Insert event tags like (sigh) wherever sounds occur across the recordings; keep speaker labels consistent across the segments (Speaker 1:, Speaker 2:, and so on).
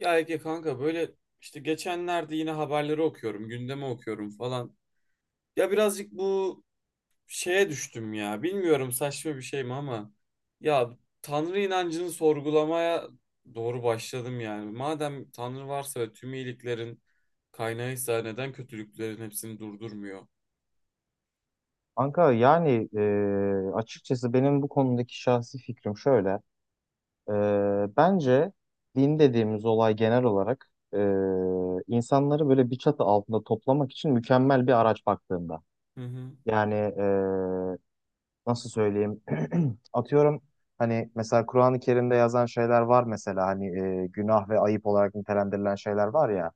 Speaker 1: Ya Ege kanka böyle işte geçenlerde yine haberleri okuyorum, gündemi okuyorum falan. Ya birazcık bu şeye düştüm ya. Bilmiyorum saçma bir şey mi ama ya Tanrı inancını sorgulamaya doğru başladım yani. Madem Tanrı varsa ve tüm iyiliklerin kaynağıysa neden kötülüklerin hepsini durdurmuyor?
Speaker 2: Kanka yani açıkçası benim bu konudaki şahsi fikrim şöyle. E, bence din dediğimiz olay genel olarak insanları böyle bir çatı altında toplamak için mükemmel bir araç baktığında.
Speaker 1: Hı hı.
Speaker 2: Yani nasıl söyleyeyim? (clears throat) Atıyorum, hani mesela Kur'an-ı Kerim'de yazan şeyler var, mesela hani günah ve ayıp olarak nitelendirilen şeyler var ya.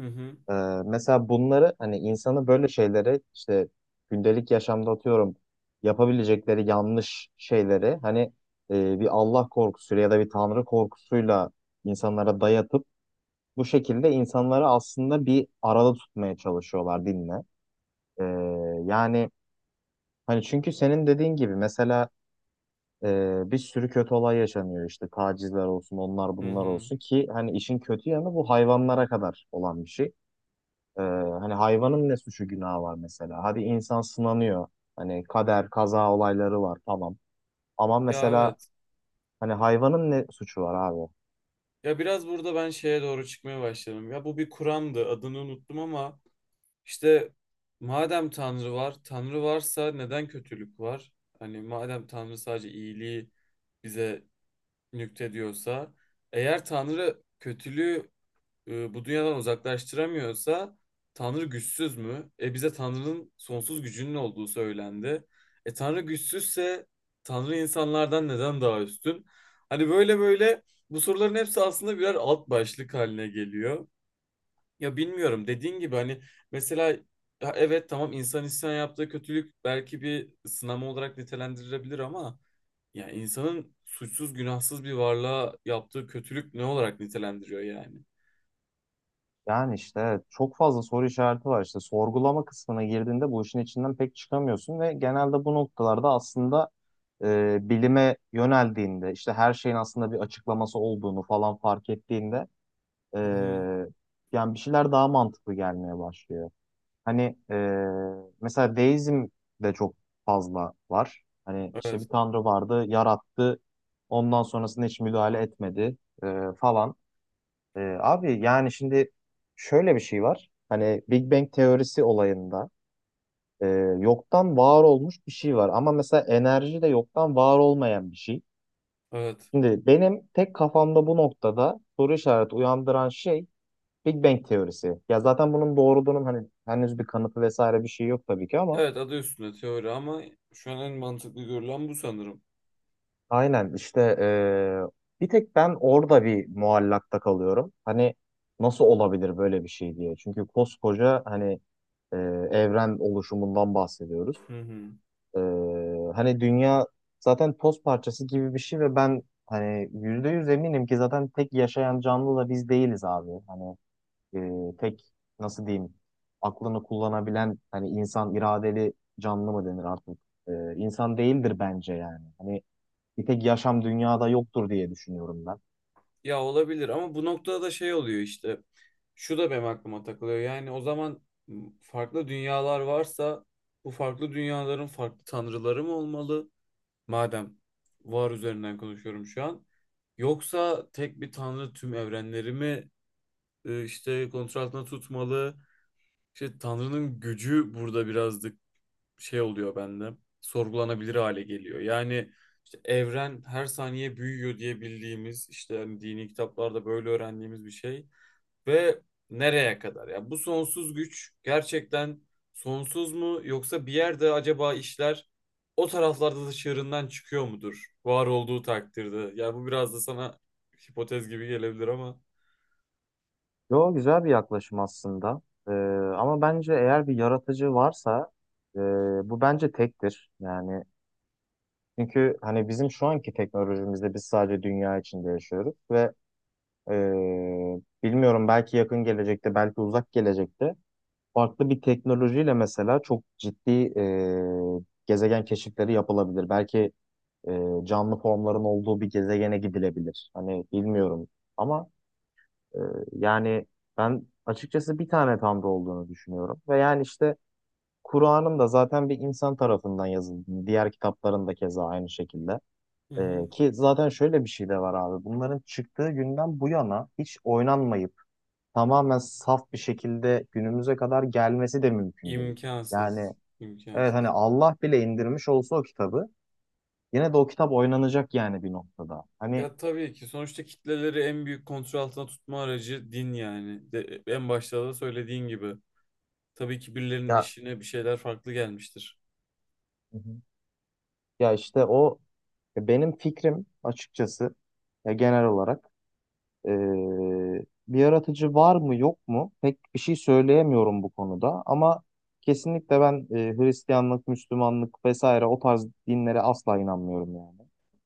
Speaker 1: Hı hı.
Speaker 2: Ee, mesela bunları hani insanı böyle şeylere, işte gündelik yaşamda atıyorum, yapabilecekleri yanlış şeyleri hani bir Allah korkusuyla ya da bir Tanrı korkusuyla insanlara dayatıp bu şekilde insanları aslında bir arada tutmaya çalışıyorlar dinle. Ee, yani hani, çünkü senin dediğin gibi mesela bir sürü kötü olay yaşanıyor, işte tacizler olsun, onlar
Speaker 1: Hı
Speaker 2: bunlar
Speaker 1: hı.
Speaker 2: olsun ki hani işin kötü yanı bu hayvanlara kadar olan bir şey. Ee, hani hayvanın ne suçu günahı var mesela? Hadi insan sınanıyor. Hani kader, kaza olayları var, tamam. Ama
Speaker 1: Ya
Speaker 2: mesela
Speaker 1: evet.
Speaker 2: hani hayvanın ne suçu var abi?
Speaker 1: Ya biraz burada ben şeye doğru çıkmaya başladım. Ya bu bir kuramdı. Adını unuttum ama İşte madem Tanrı var, Tanrı varsa neden kötülük var? Hani madem Tanrı sadece iyiliği bize nüktediyorsa, eğer Tanrı kötülüğü bu dünyadan uzaklaştıramıyorsa, Tanrı güçsüz mü? E bize Tanrı'nın sonsuz gücünün olduğu söylendi. E Tanrı güçsüzse Tanrı insanlardan neden daha üstün? Hani böyle böyle bu soruların hepsi aslında birer alt başlık haline geliyor. Ya bilmiyorum dediğin gibi hani mesela ya evet tamam insan yaptığı kötülük belki bir sınama olarak nitelendirilebilir ama ya insanın suçsuz günahsız bir varlığa yaptığı kötülük ne olarak nitelendiriyor yani?
Speaker 2: Yani işte evet, çok fazla soru işareti var. İşte sorgulama kısmına girdiğinde bu işin içinden pek çıkamıyorsun ve genelde bu noktalarda aslında bilime yöneldiğinde, işte her şeyin aslında bir açıklaması olduğunu falan fark ettiğinde,
Speaker 1: Hı hı.
Speaker 2: e, yani bir şeyler daha mantıklı gelmeye başlıyor. Hani mesela deizm de çok fazla var. Hani işte
Speaker 1: Evet,
Speaker 2: bir tanrı vardı, yarattı. Ondan sonrasında hiç müdahale etmedi falan. Abi yani şimdi şöyle bir şey var. Hani Big Bang teorisi olayında yoktan var olmuş bir şey var. Ama mesela enerji de yoktan var olmayan bir şey.
Speaker 1: evet.
Speaker 2: Şimdi benim tek kafamda bu noktada soru işareti uyandıran şey Big Bang teorisi. Ya zaten bunun doğruluğunun hani henüz bir kanıtı vesaire bir şey yok tabii ki, ama
Speaker 1: Evet, adı üstünde teori ama şu an en mantıklı görülen bu sanırım.
Speaker 2: aynen işte bir tek ben orada bir muallakta kalıyorum. Hani nasıl olabilir böyle bir şey diye. Çünkü koskoca hani e, evren oluşumundan bahsediyoruz.
Speaker 1: Hı hı.
Speaker 2: E, hani dünya zaten toz parçası gibi bir şey ve ben hani yüzde yüz eminim ki zaten tek yaşayan canlı da biz değiliz abi. Hani tek, nasıl diyeyim, aklını kullanabilen hani insan iradeli canlı mı denir artık? E, insan değildir bence yani. Hani bir tek yaşam dünyada yoktur diye düşünüyorum ben.
Speaker 1: Ya olabilir ama bu noktada da şey oluyor işte. Şu da benim aklıma takılıyor. Yani o zaman farklı dünyalar varsa bu farklı dünyaların farklı tanrıları mı olmalı? Madem var üzerinden konuşuyorum şu an. Yoksa tek bir tanrı tüm evrenleri mi işte kontrol altında tutmalı? İşte tanrının gücü burada birazcık şey oluyor bende. Sorgulanabilir hale geliyor. Yani işte evren her saniye büyüyor diye bildiğimiz işte hani dini kitaplarda böyle öğrendiğimiz bir şey ve nereye kadar? Ya yani bu sonsuz güç gerçekten sonsuz mu yoksa bir yerde acaba işler o taraflarda da çığırından çıkıyor mudur? Var olduğu takdirde. Ya yani bu biraz da sana hipotez gibi gelebilir ama
Speaker 2: Yo, güzel bir yaklaşım aslında. Ee, ama bence eğer bir yaratıcı varsa e, bu bence tektir. Yani çünkü hani bizim şu anki teknolojimizde biz sadece dünya içinde yaşıyoruz ve e, bilmiyorum, belki yakın gelecekte belki uzak gelecekte farklı bir teknolojiyle mesela çok ciddi gezegen keşifleri yapılabilir. Belki canlı formların olduğu bir gezegene gidilebilir. Hani bilmiyorum ama, Ee, yani ben açıkçası bir tane Tanrı olduğunu düşünüyorum. Ve yani işte Kur'an'ın da zaten bir insan tarafından yazıldığını, diğer kitapların da keza aynı şekilde.
Speaker 1: hı hı.
Speaker 2: Ki zaten şöyle bir şey de var abi. Bunların çıktığı günden bu yana hiç oynanmayıp tamamen saf bir şekilde günümüze kadar gelmesi de mümkün değil. Yani
Speaker 1: imkansız,
Speaker 2: evet, hani
Speaker 1: imkansız.
Speaker 2: Allah bile indirmiş olsa o kitabı, yine de o kitap oynanacak yani bir noktada. Hani
Speaker 1: Ya tabii ki sonuçta kitleleri en büyük kontrol altına tutma aracı din yani. De, en başta da söylediğin gibi. Tabii ki birilerinin
Speaker 2: ya,
Speaker 1: işine bir şeyler farklı gelmiştir.
Speaker 2: hı hı, ya işte o, ya benim fikrim açıkçası, ya genel olarak e, bir yaratıcı var mı yok mu pek bir şey söyleyemiyorum bu konuda, ama kesinlikle ben Hristiyanlık, Müslümanlık vesaire o tarz dinlere asla inanmıyorum yani.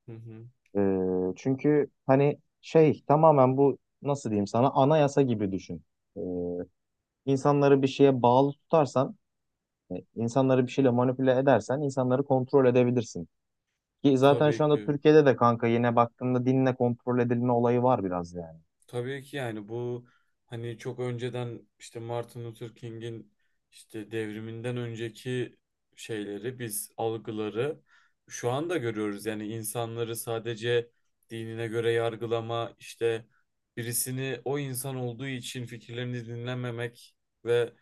Speaker 1: Hı hı.
Speaker 2: Çünkü hani şey, tamamen bu, nasıl diyeyim sana, anayasa gibi düşün. E, insanları bir şeye bağlı tutarsan, insanları bir şeyle manipüle edersen insanları kontrol edebilirsin. Ki zaten
Speaker 1: Tabii
Speaker 2: şu anda
Speaker 1: ki.
Speaker 2: Türkiye'de de kanka yine baktığında dinle kontrol edilme olayı var biraz yani.
Speaker 1: Tabii ki yani bu hani çok önceden işte Martin Luther King'in işte devriminden önceki şeyleri biz algıları şu anda görüyoruz. Yani insanları sadece dinine göre yargılama işte birisini o insan olduğu için fikirlerini dinlememek ve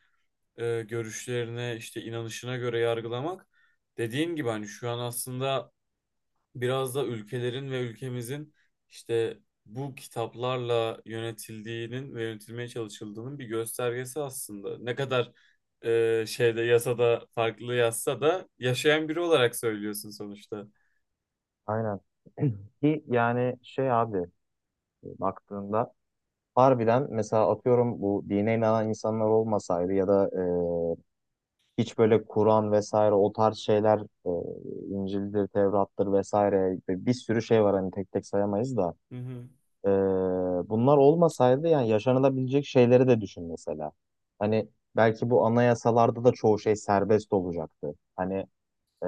Speaker 1: görüşlerine işte inanışına göre yargılamak dediğin gibi hani şu an aslında biraz da ülkelerin ve ülkemizin işte bu kitaplarla yönetildiğinin ve yönetilmeye çalışıldığının bir göstergesi aslında. Ne kadar şeyde yasada farklı yazsa da yaşayan biri olarak söylüyorsun sonuçta.
Speaker 2: Aynen. (clears throat) Ki yani şey abi, baktığında harbiden mesela atıyorum bu dine inanan insanlar olmasaydı ya da hiç böyle Kur'an vesaire o tarz şeyler, e, İncil'dir, Tevrat'tır vesaire bir sürü şey var hani, tek tek sayamayız da
Speaker 1: Hı hı.
Speaker 2: e, bunlar olmasaydı yani yaşanılabilecek şeyleri de düşün mesela. Hani belki bu anayasalarda da çoğu şey serbest olacaktı. Hani Ee,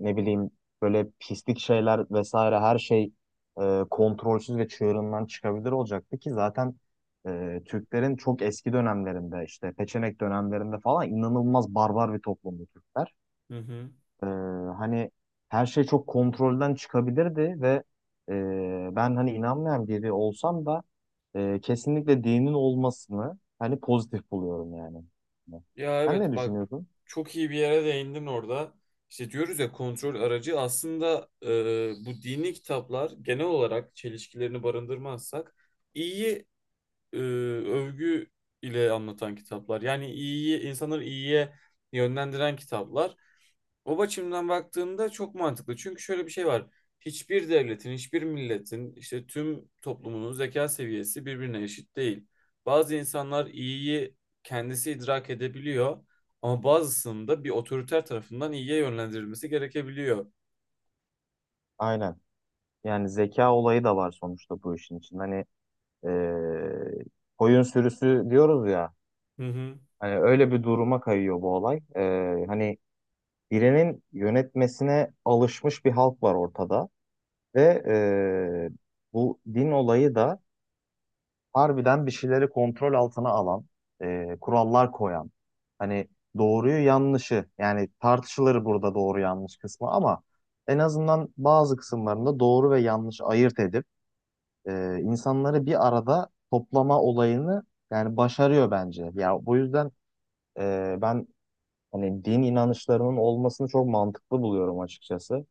Speaker 2: ne bileyim, böyle pislik şeyler vesaire her şey kontrolsüz ve çığırından çıkabilir olacaktı ki zaten Türklerin çok eski dönemlerinde, işte Peçenek dönemlerinde falan, inanılmaz barbar bir toplumdu Türkler.
Speaker 1: Hı hı.
Speaker 2: Ee, hani her şey çok kontrolden çıkabilirdi ve ben hani inanmayan biri olsam da kesinlikle dinin olmasını hani pozitif buluyorum yani.
Speaker 1: Ya
Speaker 2: Sen ne
Speaker 1: evet bak,
Speaker 2: düşünüyorsun?
Speaker 1: çok iyi bir yere değindin orada. İşte diyoruz ya kontrol aracı aslında bu dini kitaplar genel olarak çelişkilerini barındırmazsak iyiyi övgü ile anlatan kitaplar. Yani iyiyi, insanları iyiye yönlendiren kitaplar. O açımdan baktığında çok mantıklı. Çünkü şöyle bir şey var. Hiçbir devletin, hiçbir milletin, işte tüm toplumunun zeka seviyesi birbirine eşit değil. Bazı insanlar iyiyi kendisi idrak edebiliyor ama bazısının da bir otoriter tarafından iyiye yönlendirilmesi gerekebiliyor.
Speaker 2: Aynen. Yani zeka olayı da var sonuçta bu işin için. Hani eee koyun sürüsü diyoruz ya.
Speaker 1: Hı hı.
Speaker 2: Hani öyle bir duruma kayıyor bu olay. Hani birinin yönetmesine alışmış bir halk var ortada ve bu din olayı da harbiden bir şeyleri kontrol altına alan, kurallar koyan. Hani doğruyu yanlışı, yani tartışılır burada doğru yanlış kısmı, ama en azından bazı kısımlarında doğru ve yanlış ayırt edip insanları bir arada toplama olayını yani başarıyor bence. Ya bu yüzden ben hani din inanışlarının olmasını çok mantıklı buluyorum açıkçası.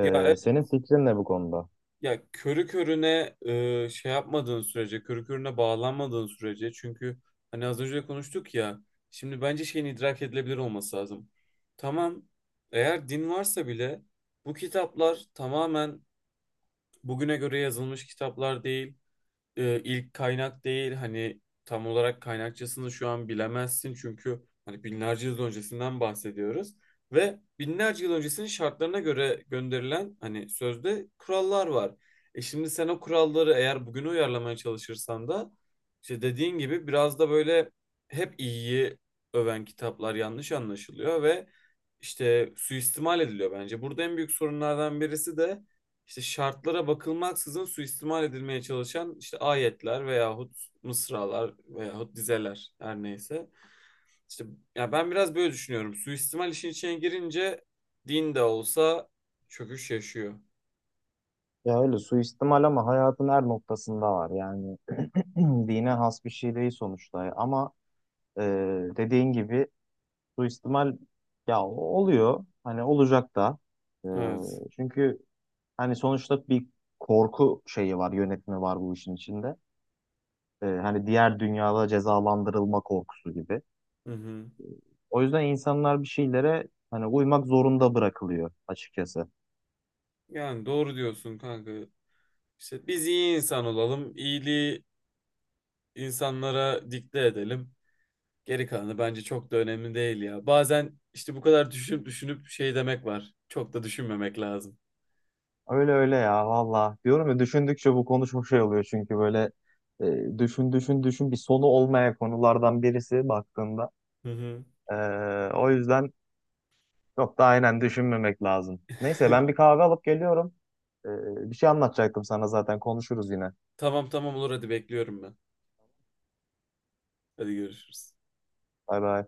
Speaker 1: Ya
Speaker 2: senin fikrin ne bu konuda?
Speaker 1: Ya körü körüne şey yapmadığın sürece, körü körüne bağlanmadığın sürece çünkü hani az önce de konuştuk ya şimdi bence şeyin idrak edilebilir olması lazım. Tamam, eğer din varsa bile bu kitaplar tamamen bugüne göre yazılmış kitaplar değil, ilk kaynak değil, hani tam olarak kaynakçasını şu an bilemezsin çünkü hani binlerce yıl öncesinden bahsediyoruz ve binlerce yıl öncesinin şartlarına göre gönderilen hani sözde kurallar var. E şimdi sen o kuralları eğer bugüne uyarlamaya çalışırsan da işte dediğin gibi biraz da böyle hep iyiyi öven kitaplar yanlış anlaşılıyor ve işte suistimal ediliyor bence. Burada en büyük sorunlardan birisi de işte şartlara bakılmaksızın suistimal edilmeye çalışan işte ayetler veyahut mısralar veyahut dizeler her neyse. İşte ya ben biraz böyle düşünüyorum. Suistimal işin içine girince din de olsa çöküş yaşıyor.
Speaker 2: Ya öyle suistimal ama hayatın her noktasında var. Yani (clears throat) dine has bir şey değil sonuçta. Ama e, dediğin gibi suistimal ya oluyor. Hani olacak da. E,
Speaker 1: Evet.
Speaker 2: çünkü hani sonuçta bir korku şeyi var, yönetimi var bu işin içinde. Hani diğer dünyada cezalandırılma korkusu gibi.
Speaker 1: Hı hı.
Speaker 2: O yüzden insanlar bir şeylere hani uymak zorunda bırakılıyor açıkçası.
Speaker 1: Yani doğru diyorsun kanka. İşte biz iyi insan olalım, iyiliği insanlara dikte edelim. Geri kalanı bence çok da önemli değil ya. Bazen işte bu kadar düşünüp düşünüp şey demek var. Çok da düşünmemek lazım.
Speaker 2: Öyle öyle ya valla. Diyorum ya düşündükçe bu konu çok şey oluyor çünkü böyle düşün düşün düşün, bir sonu olmayan konulardan birisi baktığında.
Speaker 1: Hı hı.
Speaker 2: E, o yüzden çok da aynen düşünmemek lazım. Neyse, ben
Speaker 1: (laughs)
Speaker 2: bir kahve alıp geliyorum. E, bir şey anlatacaktım sana zaten, konuşuruz yine.
Speaker 1: Tamam tamam, olur, hadi bekliyorum ben. Hadi görüşürüz.
Speaker 2: Bay bay.